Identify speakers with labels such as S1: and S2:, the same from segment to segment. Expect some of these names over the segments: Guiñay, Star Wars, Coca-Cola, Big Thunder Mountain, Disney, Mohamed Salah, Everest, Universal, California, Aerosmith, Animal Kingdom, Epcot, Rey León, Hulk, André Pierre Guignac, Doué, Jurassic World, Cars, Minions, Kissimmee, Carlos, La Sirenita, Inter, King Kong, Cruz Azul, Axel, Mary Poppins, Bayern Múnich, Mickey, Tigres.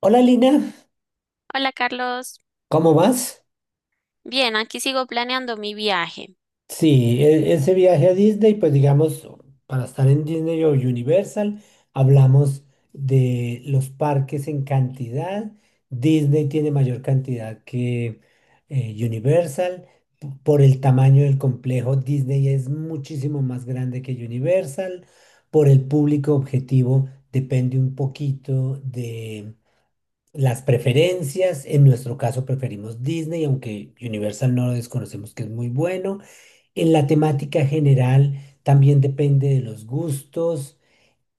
S1: Hola Lina,
S2: Hola Carlos.
S1: ¿cómo vas?
S2: Bien, aquí sigo planeando mi viaje.
S1: Sí, ese viaje a Disney, pues digamos, para estar en Disney o Universal, hablamos de los parques en cantidad. Disney tiene mayor cantidad que Universal. Por el tamaño del complejo, Disney es muchísimo más grande que Universal. Por el público objetivo, depende un poquito las preferencias. En nuestro caso preferimos Disney, aunque Universal no lo desconocemos que es muy bueno. En la temática general también depende de los gustos.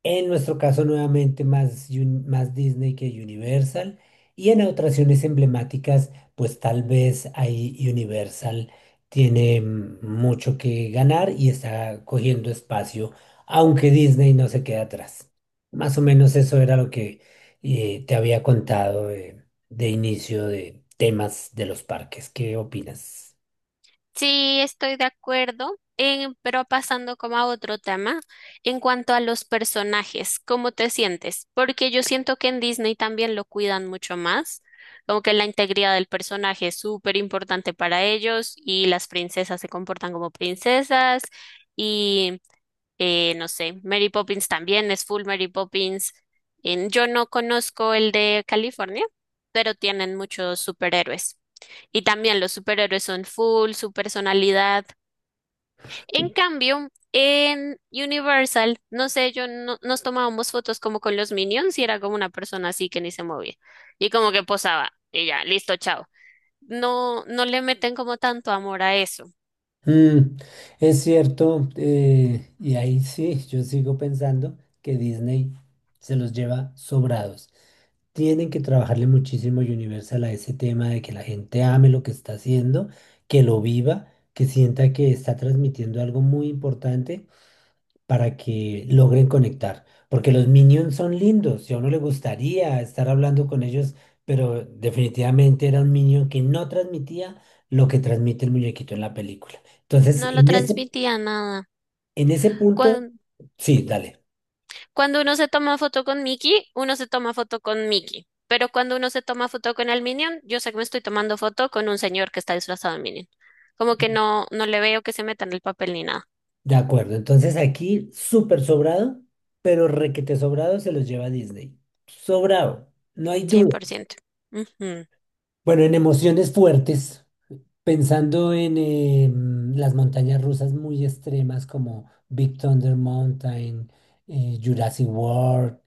S1: En nuestro caso, nuevamente, más Disney que Universal. Y en atracciones emblemáticas, pues tal vez ahí Universal tiene mucho que ganar y está cogiendo espacio, aunque Disney no se queda atrás. Más o menos eso era lo que te había contado de inicio de temas de los parques. ¿Qué opinas?
S2: Sí, estoy de acuerdo, pero pasando como a otro tema, en cuanto a los personajes, ¿cómo te sientes? Porque yo siento que en Disney también lo cuidan mucho más, como que la integridad del personaje es súper importante para ellos y las princesas se comportan como princesas, no sé, Mary Poppins también es full Mary Poppins. Yo no conozco el de California, pero tienen muchos superhéroes. Y también los superhéroes son full, su personalidad. En cambio, en Universal, no sé, yo no, nos tomábamos fotos como con los Minions y era como una persona así que ni se movía. Y como que posaba y ya, listo, chao. No, no le meten como tanto amor a eso.
S1: Mm, es cierto, y ahí sí, yo sigo pensando que Disney se los lleva sobrados. Tienen que trabajarle muchísimo Universal a ese tema de que la gente ame lo que está haciendo, que lo viva, que sienta que está transmitiendo algo muy importante para que logren conectar. Porque los Minions son lindos y a uno le gustaría estar hablando con ellos, pero definitivamente era un Minion que no transmitía lo que transmite el muñequito en la película. Entonces,
S2: No lo
S1: en ese,
S2: transmitía nada.
S1: en ese punto, sí, dale,
S2: Cuando uno se toma foto con Mickey, uno se toma foto con Mickey. Pero cuando uno se toma foto con el Minion, yo sé que me estoy tomando foto con un señor que está disfrazado de Minion. Como que no, no le veo que se meta en el papel ni nada.
S1: de acuerdo. Entonces aquí, súper sobrado, pero requete sobrado se los lleva Disney. Sobrado, no hay duda.
S2: 100%. Ujú.
S1: Bueno, en emociones fuertes. Pensando en las montañas rusas muy extremas como Big Thunder Mountain, Jurassic World,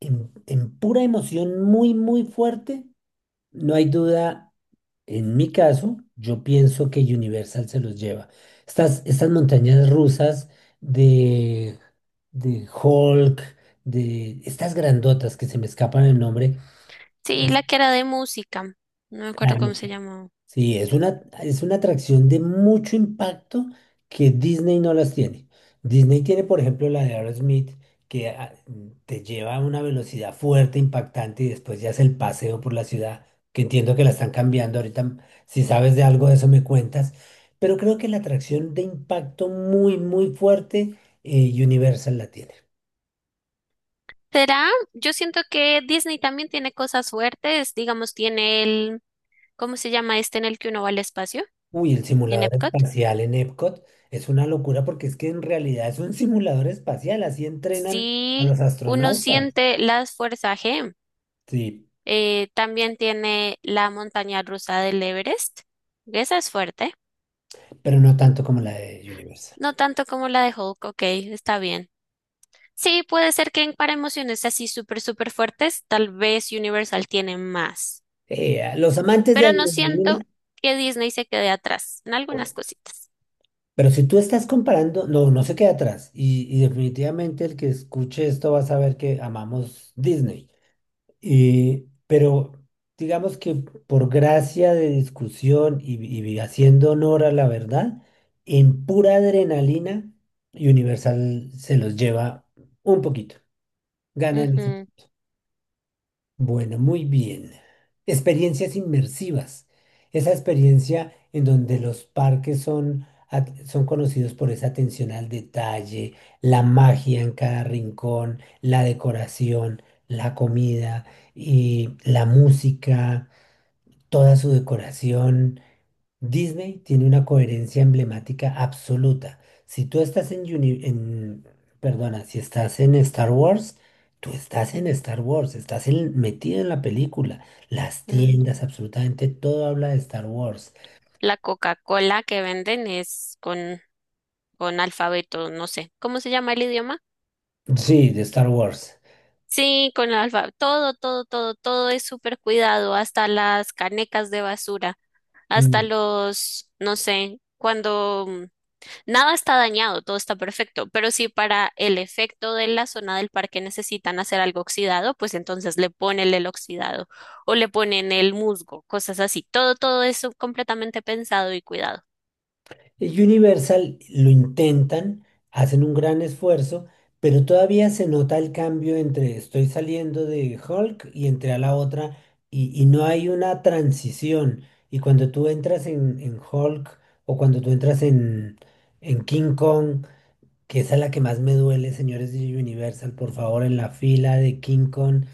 S1: en pura emoción muy, muy fuerte, no hay duda, en mi caso, yo pienso que Universal se los lleva. Estas montañas rusas de, de Hulk, de estas grandotas que se me escapan el nombre,
S2: Sí, la que era de música. No me acuerdo cómo
S1: es-
S2: se llamó.
S1: sí, es una atracción de mucho impacto que Disney no las tiene. Disney tiene, por ejemplo, la de Aerosmith, que te lleva a una velocidad fuerte, impactante, y después ya es el paseo por la ciudad, que entiendo que la están cambiando ahorita. Si sabes de algo de eso, me cuentas. Pero creo que la atracción de impacto muy, muy fuerte, Universal la tiene.
S2: ¿Será? Yo siento que Disney también tiene cosas fuertes. Digamos, tiene el... ¿Cómo se llama este en el que uno va al espacio?
S1: Uy, el
S2: En
S1: simulador
S2: Epcot.
S1: espacial en Epcot es una locura porque es que en realidad es un simulador espacial, así entrenan a
S2: Sí,
S1: los
S2: uno
S1: astronautas.
S2: siente las fuerzas G.
S1: Sí,
S2: También tiene la montaña rusa del Everest. Esa es fuerte.
S1: pero no tanto como la de Universal.
S2: No tanto como la de Hulk, ok, está bien. Sí, puede ser que para emociones así súper, súper fuertes, tal vez Universal tiene más.
S1: A los amantes de
S2: Pero no siento
S1: adrenalina,
S2: que Disney se quede atrás en algunas cositas.
S1: pero si tú estás comparando, no, no se queda atrás. Y definitivamente el que escuche esto va a saber que amamos Disney. Y, pero digamos que por gracia de discusión y haciendo honor a la verdad, en pura adrenalina, Universal se los lleva un poquito. Ganan
S2: Ujú.
S1: bueno, muy bien. Experiencias inmersivas. Esa experiencia en donde los parques son, son conocidos por esa atención al detalle, la magia en cada rincón, la decoración, la comida y la música, toda su decoración. Disney tiene una coherencia emblemática absoluta. Si tú estás en, perdona, si estás en Star Wars, tú estás en Star Wars, metido en la película. Las
S2: Mm.
S1: tiendas, absolutamente todo habla de Star Wars.
S2: La Coca-Cola que venden es con alfabeto, no sé. ¿Cómo se llama el idioma?
S1: Sí, de Star Wars.
S2: Sí, con el alfabeto. Todo, todo, todo, todo es súper cuidado, hasta las canecas de basura, hasta los, no sé, nada está dañado, todo está perfecto, pero si para el efecto de la zona del parque necesitan hacer algo oxidado, pues entonces le ponen el oxidado o le ponen el musgo, cosas así, todo, todo eso completamente pensado y cuidado.
S1: Universal lo intentan, hacen un gran esfuerzo, pero todavía se nota el cambio entre estoy saliendo de Hulk y entré a la otra y no hay una transición. Y cuando tú entras en, Hulk o cuando tú entras en King Kong, que esa es la que más me duele, señores de Universal, por favor, en la fila de King Kong,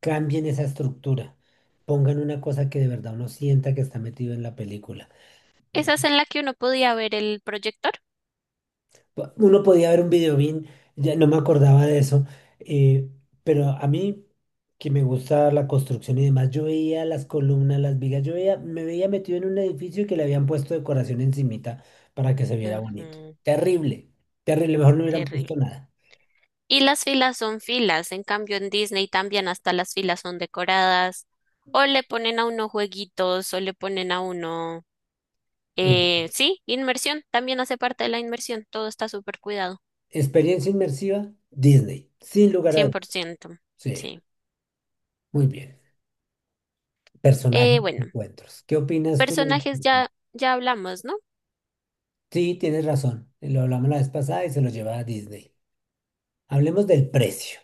S1: cambien esa estructura. Pongan una cosa que de verdad uno sienta que está metido en la película.
S2: Esas en la que uno podía ver el proyector.
S1: Uno podía ver un video bien, ya no me acordaba de eso, eh, pero a mí que me gusta la construcción y demás, yo veía las columnas, las vigas, me veía metido en un edificio que le habían puesto decoración encimita para que se viera bonito.
S2: Ujú,
S1: Terrible, terrible, mejor no hubieran
S2: terrible.
S1: puesto nada.
S2: Y las filas son filas, en cambio en Disney también hasta las filas son decoradas, o le ponen a uno jueguitos, o le ponen a uno,
S1: Ok.
S2: sí, inmersión, también hace parte de la inmersión, todo está súper cuidado.
S1: Experiencia inmersiva, Disney, sin lugar a
S2: cien por
S1: dudas.
S2: ciento
S1: Sí,
S2: sí.
S1: muy bien. Personajes,
S2: Bueno,
S1: encuentros. ¿Qué opinas tú?
S2: personajes ya, ya hablamos, ¿no?
S1: Sí, tienes razón. Lo hablamos la vez pasada y se lo lleva a Disney. Hablemos del precio.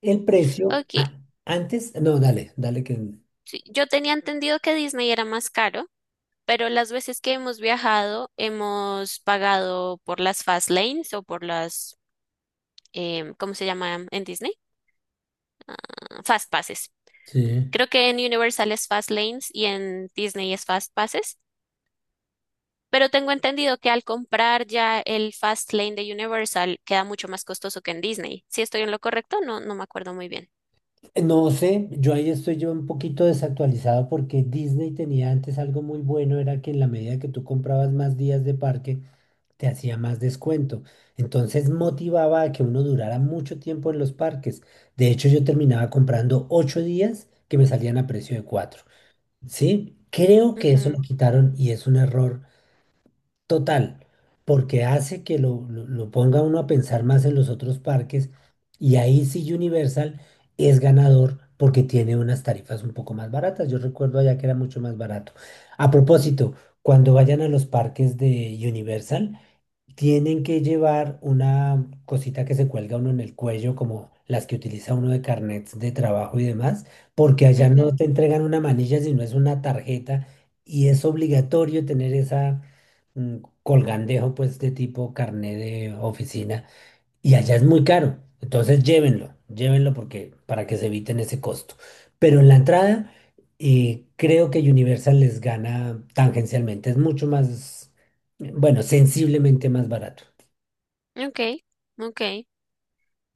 S1: El precio,
S2: Ok,
S1: antes, no, dale, dale que...
S2: sí, yo tenía entendido que Disney era más caro, pero las veces que hemos viajado hemos pagado por las fast lanes o por las, ¿cómo se llama en Disney? Ah, Fast passes.
S1: Sí.
S2: Creo que en Universal es fast lanes y en Disney es fast passes. Pero tengo entendido que al comprar ya el Fast Lane de Universal queda mucho más costoso que en Disney. Si estoy en lo correcto, no, no me acuerdo muy bien.
S1: No sé, yo ahí estoy yo un poquito desactualizado porque Disney tenía antes algo muy bueno, era que en la medida que tú comprabas más días de parque, te hacía más descuento. Entonces motivaba a que uno durara mucho tiempo en los parques. De hecho, yo terminaba comprando 8 días que me salían a precio de cuatro. Sí, creo que eso lo quitaron y es un error total, porque hace que lo ponga uno a pensar más en los otros parques y ahí sí Universal es ganador porque tiene unas tarifas un poco más baratas. Yo recuerdo allá que era mucho más barato. A propósito, cuando vayan a los parques de Universal, tienen que llevar una cosita que se cuelga uno en el cuello, como las que utiliza uno de carnets de trabajo y demás, porque allá
S2: Ujú,
S1: no
S2: ujú.
S1: te entregan una manilla, sino es una tarjeta y es obligatorio tener esa mm, colgandejo, pues, de tipo carnet de oficina y allá es muy caro. Entonces llévenlo, llévenlo porque para que se eviten ese costo. Pero en la entrada creo que Universal les gana tangencialmente. Es mucho más, bueno, sensiblemente más barato.
S2: Ok, ok.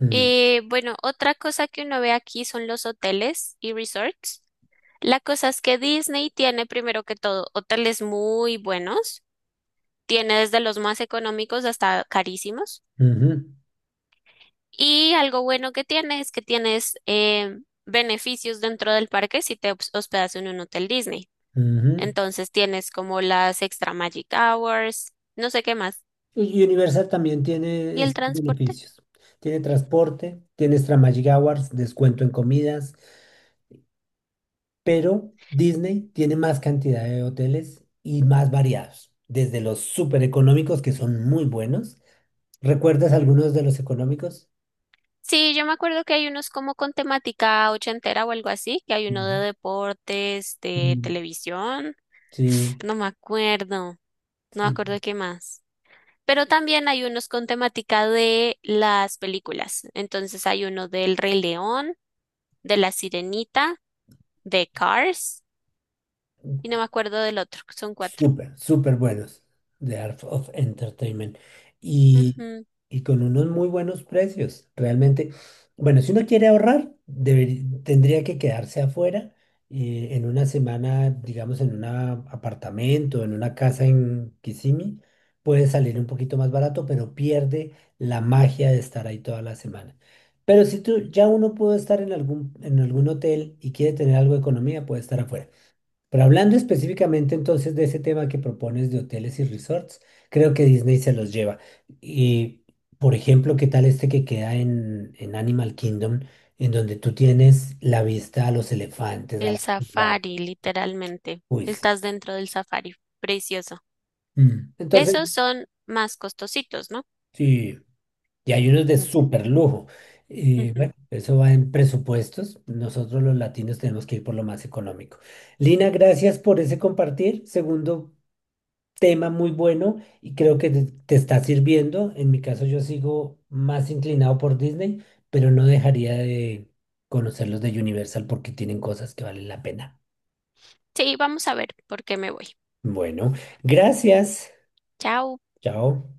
S1: Mm,
S2: Y bueno, otra cosa que uno ve aquí son los hoteles y resorts. La cosa es que Disney tiene primero que todo hoteles muy buenos. Tiene desde los más económicos hasta carísimos.
S1: ujú,
S2: Y algo bueno que tiene es que tienes, beneficios dentro del parque si te hospedas en un hotel Disney.
S1: ujú.
S2: Entonces tienes como las extra magic hours, no sé qué más.
S1: Y Universal también tiene
S2: ¿Y el
S1: esos
S2: transporte?
S1: beneficios. Tiene transporte, tiene extra Magic Hours, descuento en comidas, pero Disney tiene más cantidad de hoteles y más variados, desde los súper económicos que son muy buenos. ¿Recuerdas algunos de los económicos?
S2: Sí, yo me acuerdo que hay unos como con temática ochentera o algo así, que hay uno de
S1: Ujú.
S2: deportes, de
S1: Mm,
S2: televisión,
S1: sí,
S2: no me acuerdo, no me
S1: sí.
S2: acuerdo qué más. Pero también hay unos con temática de las películas. Entonces hay uno del Rey León, de La Sirenita, de Cars, y no me acuerdo del otro, que son cuatro.
S1: Súper, súper buenos de Art of Entertainment y,
S2: Ujú.
S1: y con unos muy buenos precios. Realmente, bueno, si uno quiere ahorrar, tendría que quedarse afuera en una semana, digamos, en un apartamento, en una casa en Kissimmee. Puede salir un poquito más barato, pero pierde la magia de estar ahí toda la semana. Pero si tú ya uno puede estar en algún hotel y quiere tener algo de economía, puede estar afuera. Pero hablando específicamente entonces de ese tema que propones de hoteles y resorts, creo que Disney se los lleva. Y, por ejemplo, ¿qué tal este que queda en Animal Kingdom, en donde tú tienes la vista a los elefantes, a
S2: El
S1: la jirafas?
S2: safari, literalmente.
S1: Uy, sí.
S2: Estás dentro del safari. Precioso.
S1: Mm. Entonces,
S2: Esos son más costositos, ¿no?
S1: sí, y hay unos de
S2: Mm,
S1: súper lujo. Y
S2: ujú.
S1: bueno, eso va en presupuestos. Nosotros los latinos tenemos que ir por lo más económico. Lina, gracias por ese compartir. Segundo tema muy bueno y creo que te está sirviendo. En mi caso yo sigo más inclinado por Disney, pero no dejaría de conocer los de Universal porque tienen cosas que valen la pena.
S2: Sí, vamos a ver por qué me voy.
S1: Bueno, gracias.
S2: Chao.
S1: Chao.